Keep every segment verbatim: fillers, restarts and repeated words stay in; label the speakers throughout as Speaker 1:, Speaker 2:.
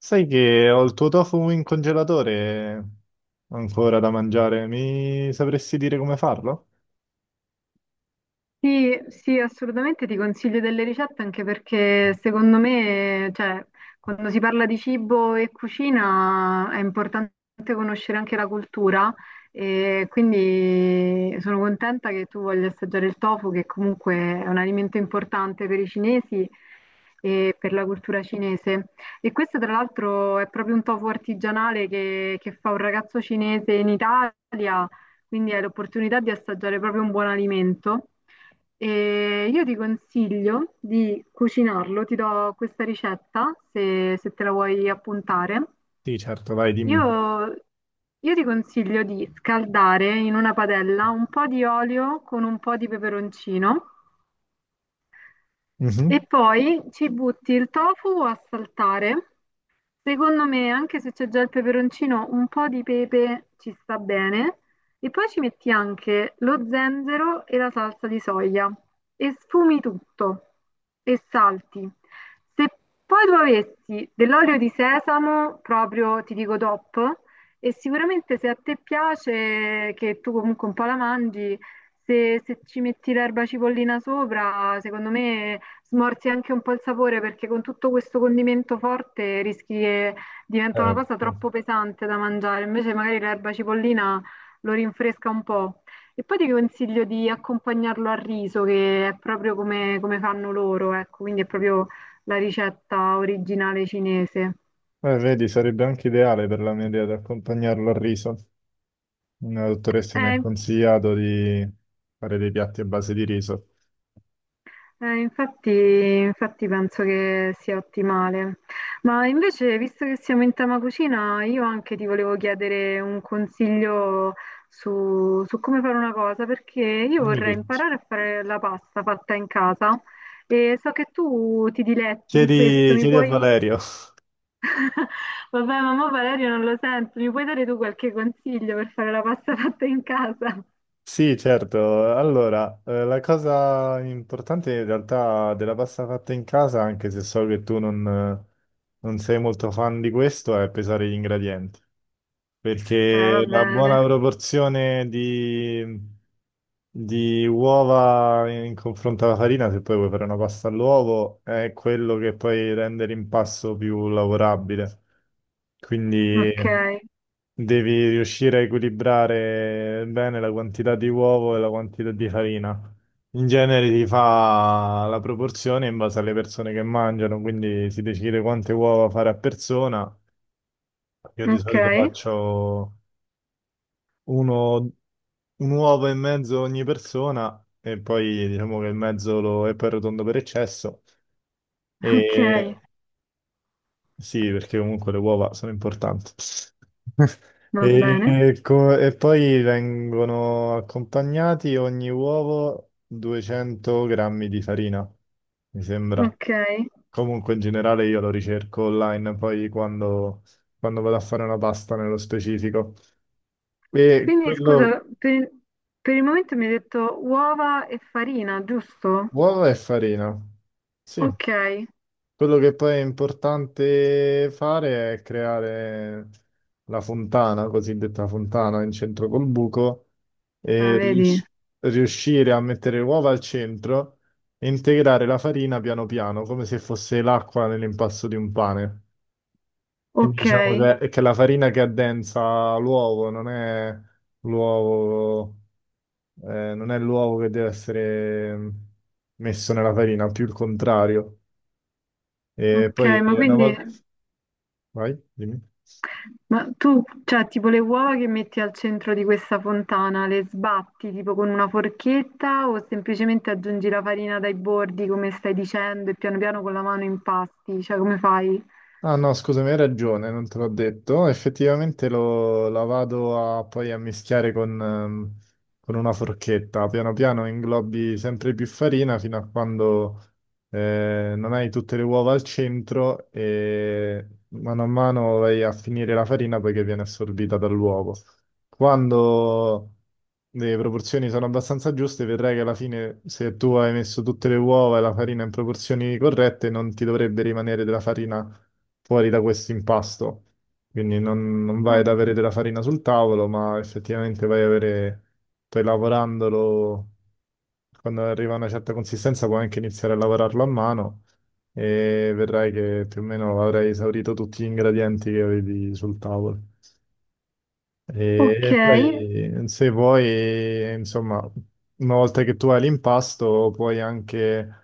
Speaker 1: Sai che ho il tuo tofu in congelatore ancora da mangiare. Mi sapresti dire come farlo?
Speaker 2: Sì, sì, assolutamente ti consiglio delle ricette anche perché secondo me, cioè, quando si parla di cibo e cucina è importante conoscere anche la cultura e quindi sono contenta che tu voglia assaggiare il tofu, che comunque è un alimento importante per i cinesi e per la cultura cinese. E questo tra l'altro è proprio un tofu artigianale che, che fa un ragazzo cinese in Italia, quindi hai l'opportunità di assaggiare proprio un buon alimento. E io ti consiglio di cucinarlo, ti do questa ricetta se, se te la vuoi appuntare.
Speaker 1: Sì, certo, vai, dimmi.
Speaker 2: Io, io ti consiglio di scaldare in una padella un po' di olio con un po' di peperoncino e
Speaker 1: Mhm.
Speaker 2: poi ci butti il tofu a saltare. Secondo me, anche se c'è già il peperoncino, un po' di pepe ci sta bene. E poi ci metti anche lo zenzero e la salsa di soia. E sfumi tutto e salti. Se poi tu avessi dell'olio di sesamo, proprio ti dico top. E sicuramente se a te piace, che tu comunque un po' la mangi, se, se ci metti l'erba cipollina sopra, secondo me smorzi anche un po' il sapore perché con tutto questo condimento forte rischi che diventa una cosa
Speaker 1: Certo.
Speaker 2: troppo pesante da mangiare. Invece magari l'erba cipollina lo rinfresca un po'. E poi ti consiglio di accompagnarlo al riso, che è proprio come, come fanno loro, ecco, quindi è proprio la ricetta originale cinese.
Speaker 1: Eh, vedi, sarebbe anche ideale per la mia idea di accompagnarlo al riso. Una dottoressa mi ha
Speaker 2: Eh,
Speaker 1: consigliato di fare dei piatti a base di riso.
Speaker 2: Eh, infatti, infatti penso che sia ottimale. Ma invece, visto che siamo in tema cucina, io anche ti volevo chiedere un consiglio su, su come fare una cosa, perché io
Speaker 1: Dimmi
Speaker 2: vorrei
Speaker 1: tutto.
Speaker 2: imparare a fare la pasta fatta in casa e so che tu ti diletti in questo,
Speaker 1: Chiedi,
Speaker 2: mi
Speaker 1: chiedi a
Speaker 2: puoi...
Speaker 1: Valerio.
Speaker 2: Vabbè, mamma Valerio non lo sento, mi puoi dare tu qualche consiglio per fare la pasta fatta in casa?
Speaker 1: Sì, certo. Allora, eh, la cosa importante in realtà della pasta fatta in casa, anche se so che tu non, non sei molto fan di questo, è pesare gli ingredienti.
Speaker 2: Eh, va
Speaker 1: Perché la buona
Speaker 2: bene,
Speaker 1: proporzione di, di uova in confronto alla farina, se poi vuoi fare una pasta all'uovo, è quello che poi rende l'impasto più lavorabile.
Speaker 2: ok,
Speaker 1: Quindi, devi riuscire a equilibrare bene la quantità di uovo e la quantità di farina. In genere si fa la proporzione in base alle persone che mangiano, quindi si decide quante uova fare a persona. Io di
Speaker 2: ok,
Speaker 1: solito faccio uno- un uovo e mezzo ogni persona e poi diciamo che il mezzo lo, è poi rotondo per eccesso.
Speaker 2: ok,
Speaker 1: E sì, perché comunque le uova sono importanti.
Speaker 2: va bene.
Speaker 1: E, co- e poi vengono accompagnati ogni uovo duecento grammi di farina, mi sembra.
Speaker 2: Ok,
Speaker 1: Comunque in generale io lo ricerco online poi quando, quando vado a fare una pasta nello specifico. E
Speaker 2: quindi
Speaker 1: quello,
Speaker 2: scusa, per, per il momento mi hai detto uova e farina, giusto?
Speaker 1: uova e farina. Sì.
Speaker 2: Ok,
Speaker 1: Quello che poi è importante fare è creare la fontana, cosiddetta fontana in centro col buco,
Speaker 2: ah,
Speaker 1: e
Speaker 2: vedi,
Speaker 1: rius- riuscire a mettere le uova al centro e integrare la farina piano piano, come se fosse l'acqua nell'impasto di un pane. Quindi
Speaker 2: ok,
Speaker 1: diciamo che, che la farina che addensa l'uovo non è l'uovo, eh, non è l'uovo che deve essere mm, messo nella farina, più il contrario. E
Speaker 2: ok,
Speaker 1: poi
Speaker 2: ma
Speaker 1: una
Speaker 2: quindi,
Speaker 1: volta. Vai, dimmi.
Speaker 2: ma tu, cioè, tipo le uova che metti al centro di questa fontana, le sbatti tipo con una forchetta o semplicemente aggiungi la farina dai bordi, come stai dicendo, e piano piano con la mano impasti, cioè come fai?
Speaker 1: Ah no, scusami, hai ragione, non te l'ho detto. Effettivamente lo, la vado a, poi a mischiare con, ehm, con una forchetta. Piano piano inglobi sempre più farina fino a quando eh, non hai tutte le uova al centro e mano a mano vai a finire la farina poiché viene assorbita dall'uovo. Quando le proporzioni sono abbastanza giuste, vedrai che alla fine, se tu hai messo tutte le uova e la farina in proporzioni corrette, non ti dovrebbe rimanere della farina fuori da questo impasto. Quindi non, non vai
Speaker 2: Ah,
Speaker 1: ad avere della farina sul tavolo, ma effettivamente vai ad avere, poi lavorandolo, quando arriva a una certa consistenza puoi anche iniziare a lavorarlo a mano e vedrai che più o meno avrai esaurito tutti gli ingredienti che avevi sul tavolo. E
Speaker 2: ok,
Speaker 1: e poi, se vuoi, insomma, una volta che tu hai l'impasto, puoi anche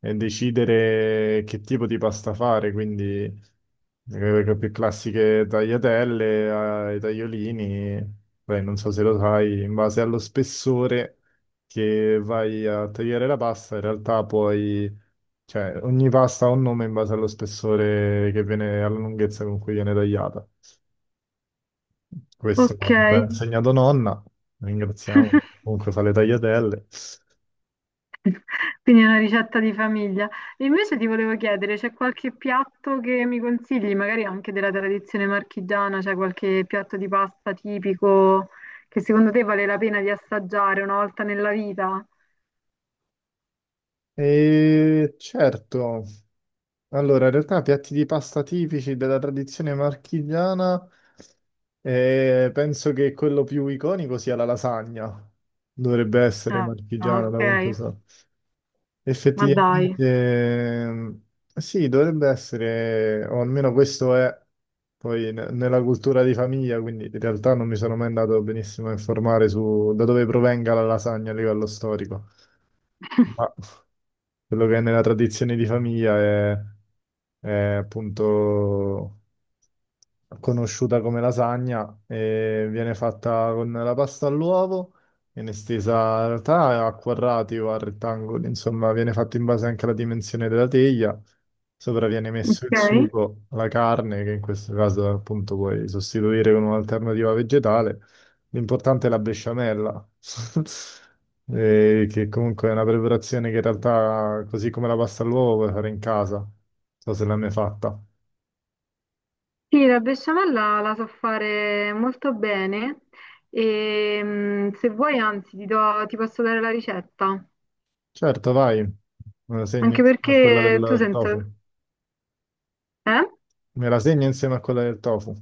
Speaker 1: eh, decidere che tipo di pasta fare, quindi eh, le più classiche tagliatelle, ai tagliolini, poi non so se lo sai, in base allo spessore che vai a tagliare la pasta, in realtà puoi, cioè, ogni pasta ha un nome in base allo spessore che viene, alla lunghezza con cui viene tagliata. Questo
Speaker 2: ok.
Speaker 1: me l'ha insegnato nonna, ringraziamo. Comunque fa le tagliatelle.
Speaker 2: Quindi è una ricetta di famiglia. E invece ti volevo chiedere, c'è qualche piatto che mi consigli, magari anche della tradizione marchigiana, c'è qualche piatto di pasta tipico che secondo te vale la pena di assaggiare una volta nella vita?
Speaker 1: E certo, allora in realtà piatti di pasta tipici della tradizione marchigiana, eh, penso che quello più iconico sia la lasagna. Dovrebbe essere
Speaker 2: Ah,
Speaker 1: marchigiana, da quanto
Speaker 2: ok,
Speaker 1: so.
Speaker 2: ma dai.
Speaker 1: Effettivamente, ehm, sì, dovrebbe essere, o almeno questo è poi ne- nella cultura di famiglia, quindi in realtà non mi sono mai andato benissimo a informare su da dove provenga la lasagna a livello storico, ma quello che è nella tradizione di famiglia è, è appunto conosciuta come lasagna, e viene fatta con la pasta all'uovo, viene stesa in realtà a quadrati o a rettangoli, insomma, viene fatta in base anche alla dimensione della teglia. Sopra viene messo
Speaker 2: Ok.
Speaker 1: il sugo, la carne, che in questo caso appunto puoi sostituire con un'alternativa vegetale. L'importante è la besciamella, eh, che comunque è una preparazione che in realtà, così come la pasta all'uovo, puoi fare in casa. Non so se l'hai mai fatta.
Speaker 2: Sì, la besciamella la so fare molto bene e mm, se vuoi, anzi, ti do- ti posso dare la ricetta,
Speaker 1: Certo, vai. Me la segno
Speaker 2: anche
Speaker 1: insieme a quella
Speaker 2: perché tu
Speaker 1: del
Speaker 2: sento...
Speaker 1: tofu.
Speaker 2: Eh?
Speaker 1: Me la segno insieme a quella del tofu.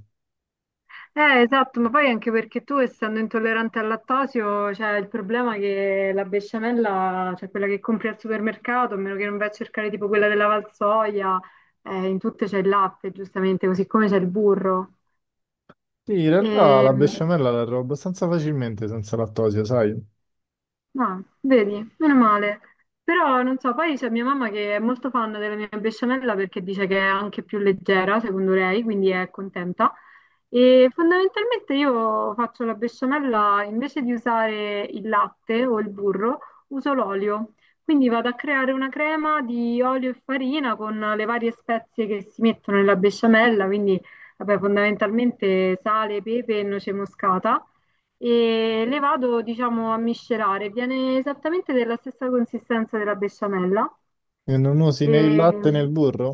Speaker 2: Eh, esatto, ma poi anche perché tu, essendo intollerante al lattosio, cioè il problema è che la besciamella, cioè quella che compri al supermercato, a meno che non vai a cercare tipo quella della Valsoia, eh, in tutte c'è il latte, giustamente, così come c'è il burro.
Speaker 1: Sì, in realtà
Speaker 2: E,
Speaker 1: la
Speaker 2: mm.
Speaker 1: besciamella la trovo abbastanza facilmente senza lattosio, sai?
Speaker 2: Ah, vedi, meno male. Però non so, poi c'è mia mamma che è molto fan della mia besciamella perché dice che è anche più leggera, secondo lei, quindi è contenta. E fondamentalmente io faccio la besciamella invece di usare il latte o il burro, uso l'olio. Quindi vado a creare una crema di olio e farina con le varie spezie che si mettono nella besciamella, quindi vabbè, fondamentalmente sale, pepe e noce moscata e le vado, diciamo, a miscelare. Viene esattamente della stessa consistenza della besciamella.
Speaker 1: E non usi né il latte né
Speaker 2: E
Speaker 1: il burro?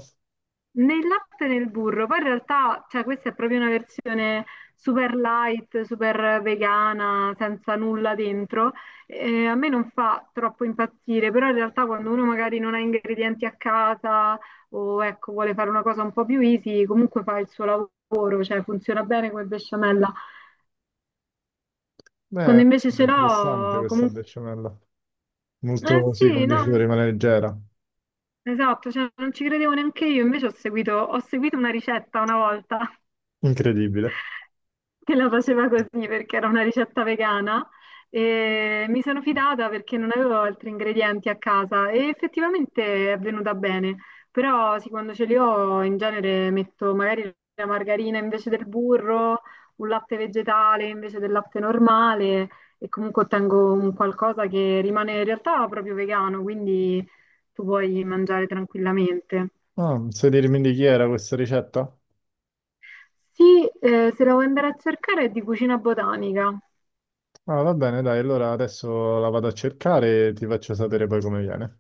Speaker 2: nel latte e nel burro, poi in realtà, cioè, questa è proprio una versione super light, super vegana, senza nulla dentro. Eh, a me non fa troppo impazzire, però in realtà quando uno magari non ha ingredienti a casa o ecco, vuole fare una cosa un po' più easy, comunque fa il suo lavoro, cioè funziona bene come besciamella.
Speaker 1: Beh,
Speaker 2: Quando invece
Speaker 1: è
Speaker 2: ce
Speaker 1: interessante
Speaker 2: l'ho,
Speaker 1: questa
Speaker 2: comunque
Speaker 1: besciamella.
Speaker 2: eh
Speaker 1: Molto, sì,
Speaker 2: sì,
Speaker 1: come dici tu,
Speaker 2: no,
Speaker 1: rimane leggera.
Speaker 2: esatto, cioè, non ci credevo neanche io, invece ho seguito, ho seguito una ricetta una volta
Speaker 1: Incredibile.
Speaker 2: che la faceva così perché era una ricetta vegana e mi sono fidata perché non avevo altri ingredienti a casa e effettivamente è venuta bene. Però sì, quando ce li ho in genere metto magari la margarina invece del burro, un latte vegetale invece del latte normale e comunque ottengo un qualcosa che rimane in realtà proprio vegano, quindi tu puoi mangiare tranquillamente.
Speaker 1: Ah, sai dirmi di chi era questa ricetta?
Speaker 2: Sì, eh, se la vuoi andare a cercare è di cucina botanica.
Speaker 1: Ah, va bene, dai, allora adesso la vado a cercare e ti faccio sapere poi come viene.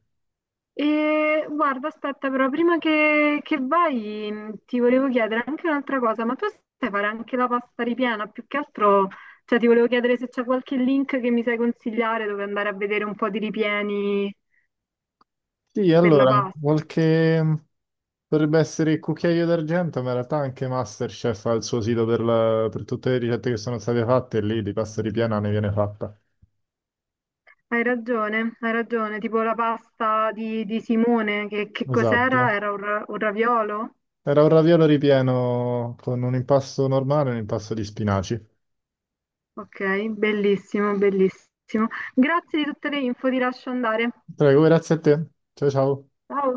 Speaker 2: E guarda, aspetta, però prima che, che vai mh, ti volevo chiedere anche un'altra cosa, ma tu sai fare anche la pasta ripiena? Più che altro, cioè ti volevo chiedere se c'è qualche link che mi sai consigliare dove andare a vedere un po' di ripieni
Speaker 1: Sì,
Speaker 2: per la
Speaker 1: allora,
Speaker 2: pasta.
Speaker 1: qualche dovrebbe essere il cucchiaio d'argento, ma in realtà anche MasterChef ha il suo sito per, la- per tutte le ricette che sono state fatte e lì di pasta ripiena ne viene fatta.
Speaker 2: Hai ragione, hai ragione, tipo la pasta di, di Simone, che, che
Speaker 1: Esatto.
Speaker 2: cos'era? Era un, ra- un raviolo?
Speaker 1: Era un raviolo ripieno con un impasto normale e un impasto di spinaci.
Speaker 2: Ok, bellissimo, bellissimo. Grazie di tutte le info, ti lascio andare.
Speaker 1: Prego, grazie a te. Ciao ciao.
Speaker 2: Ciao.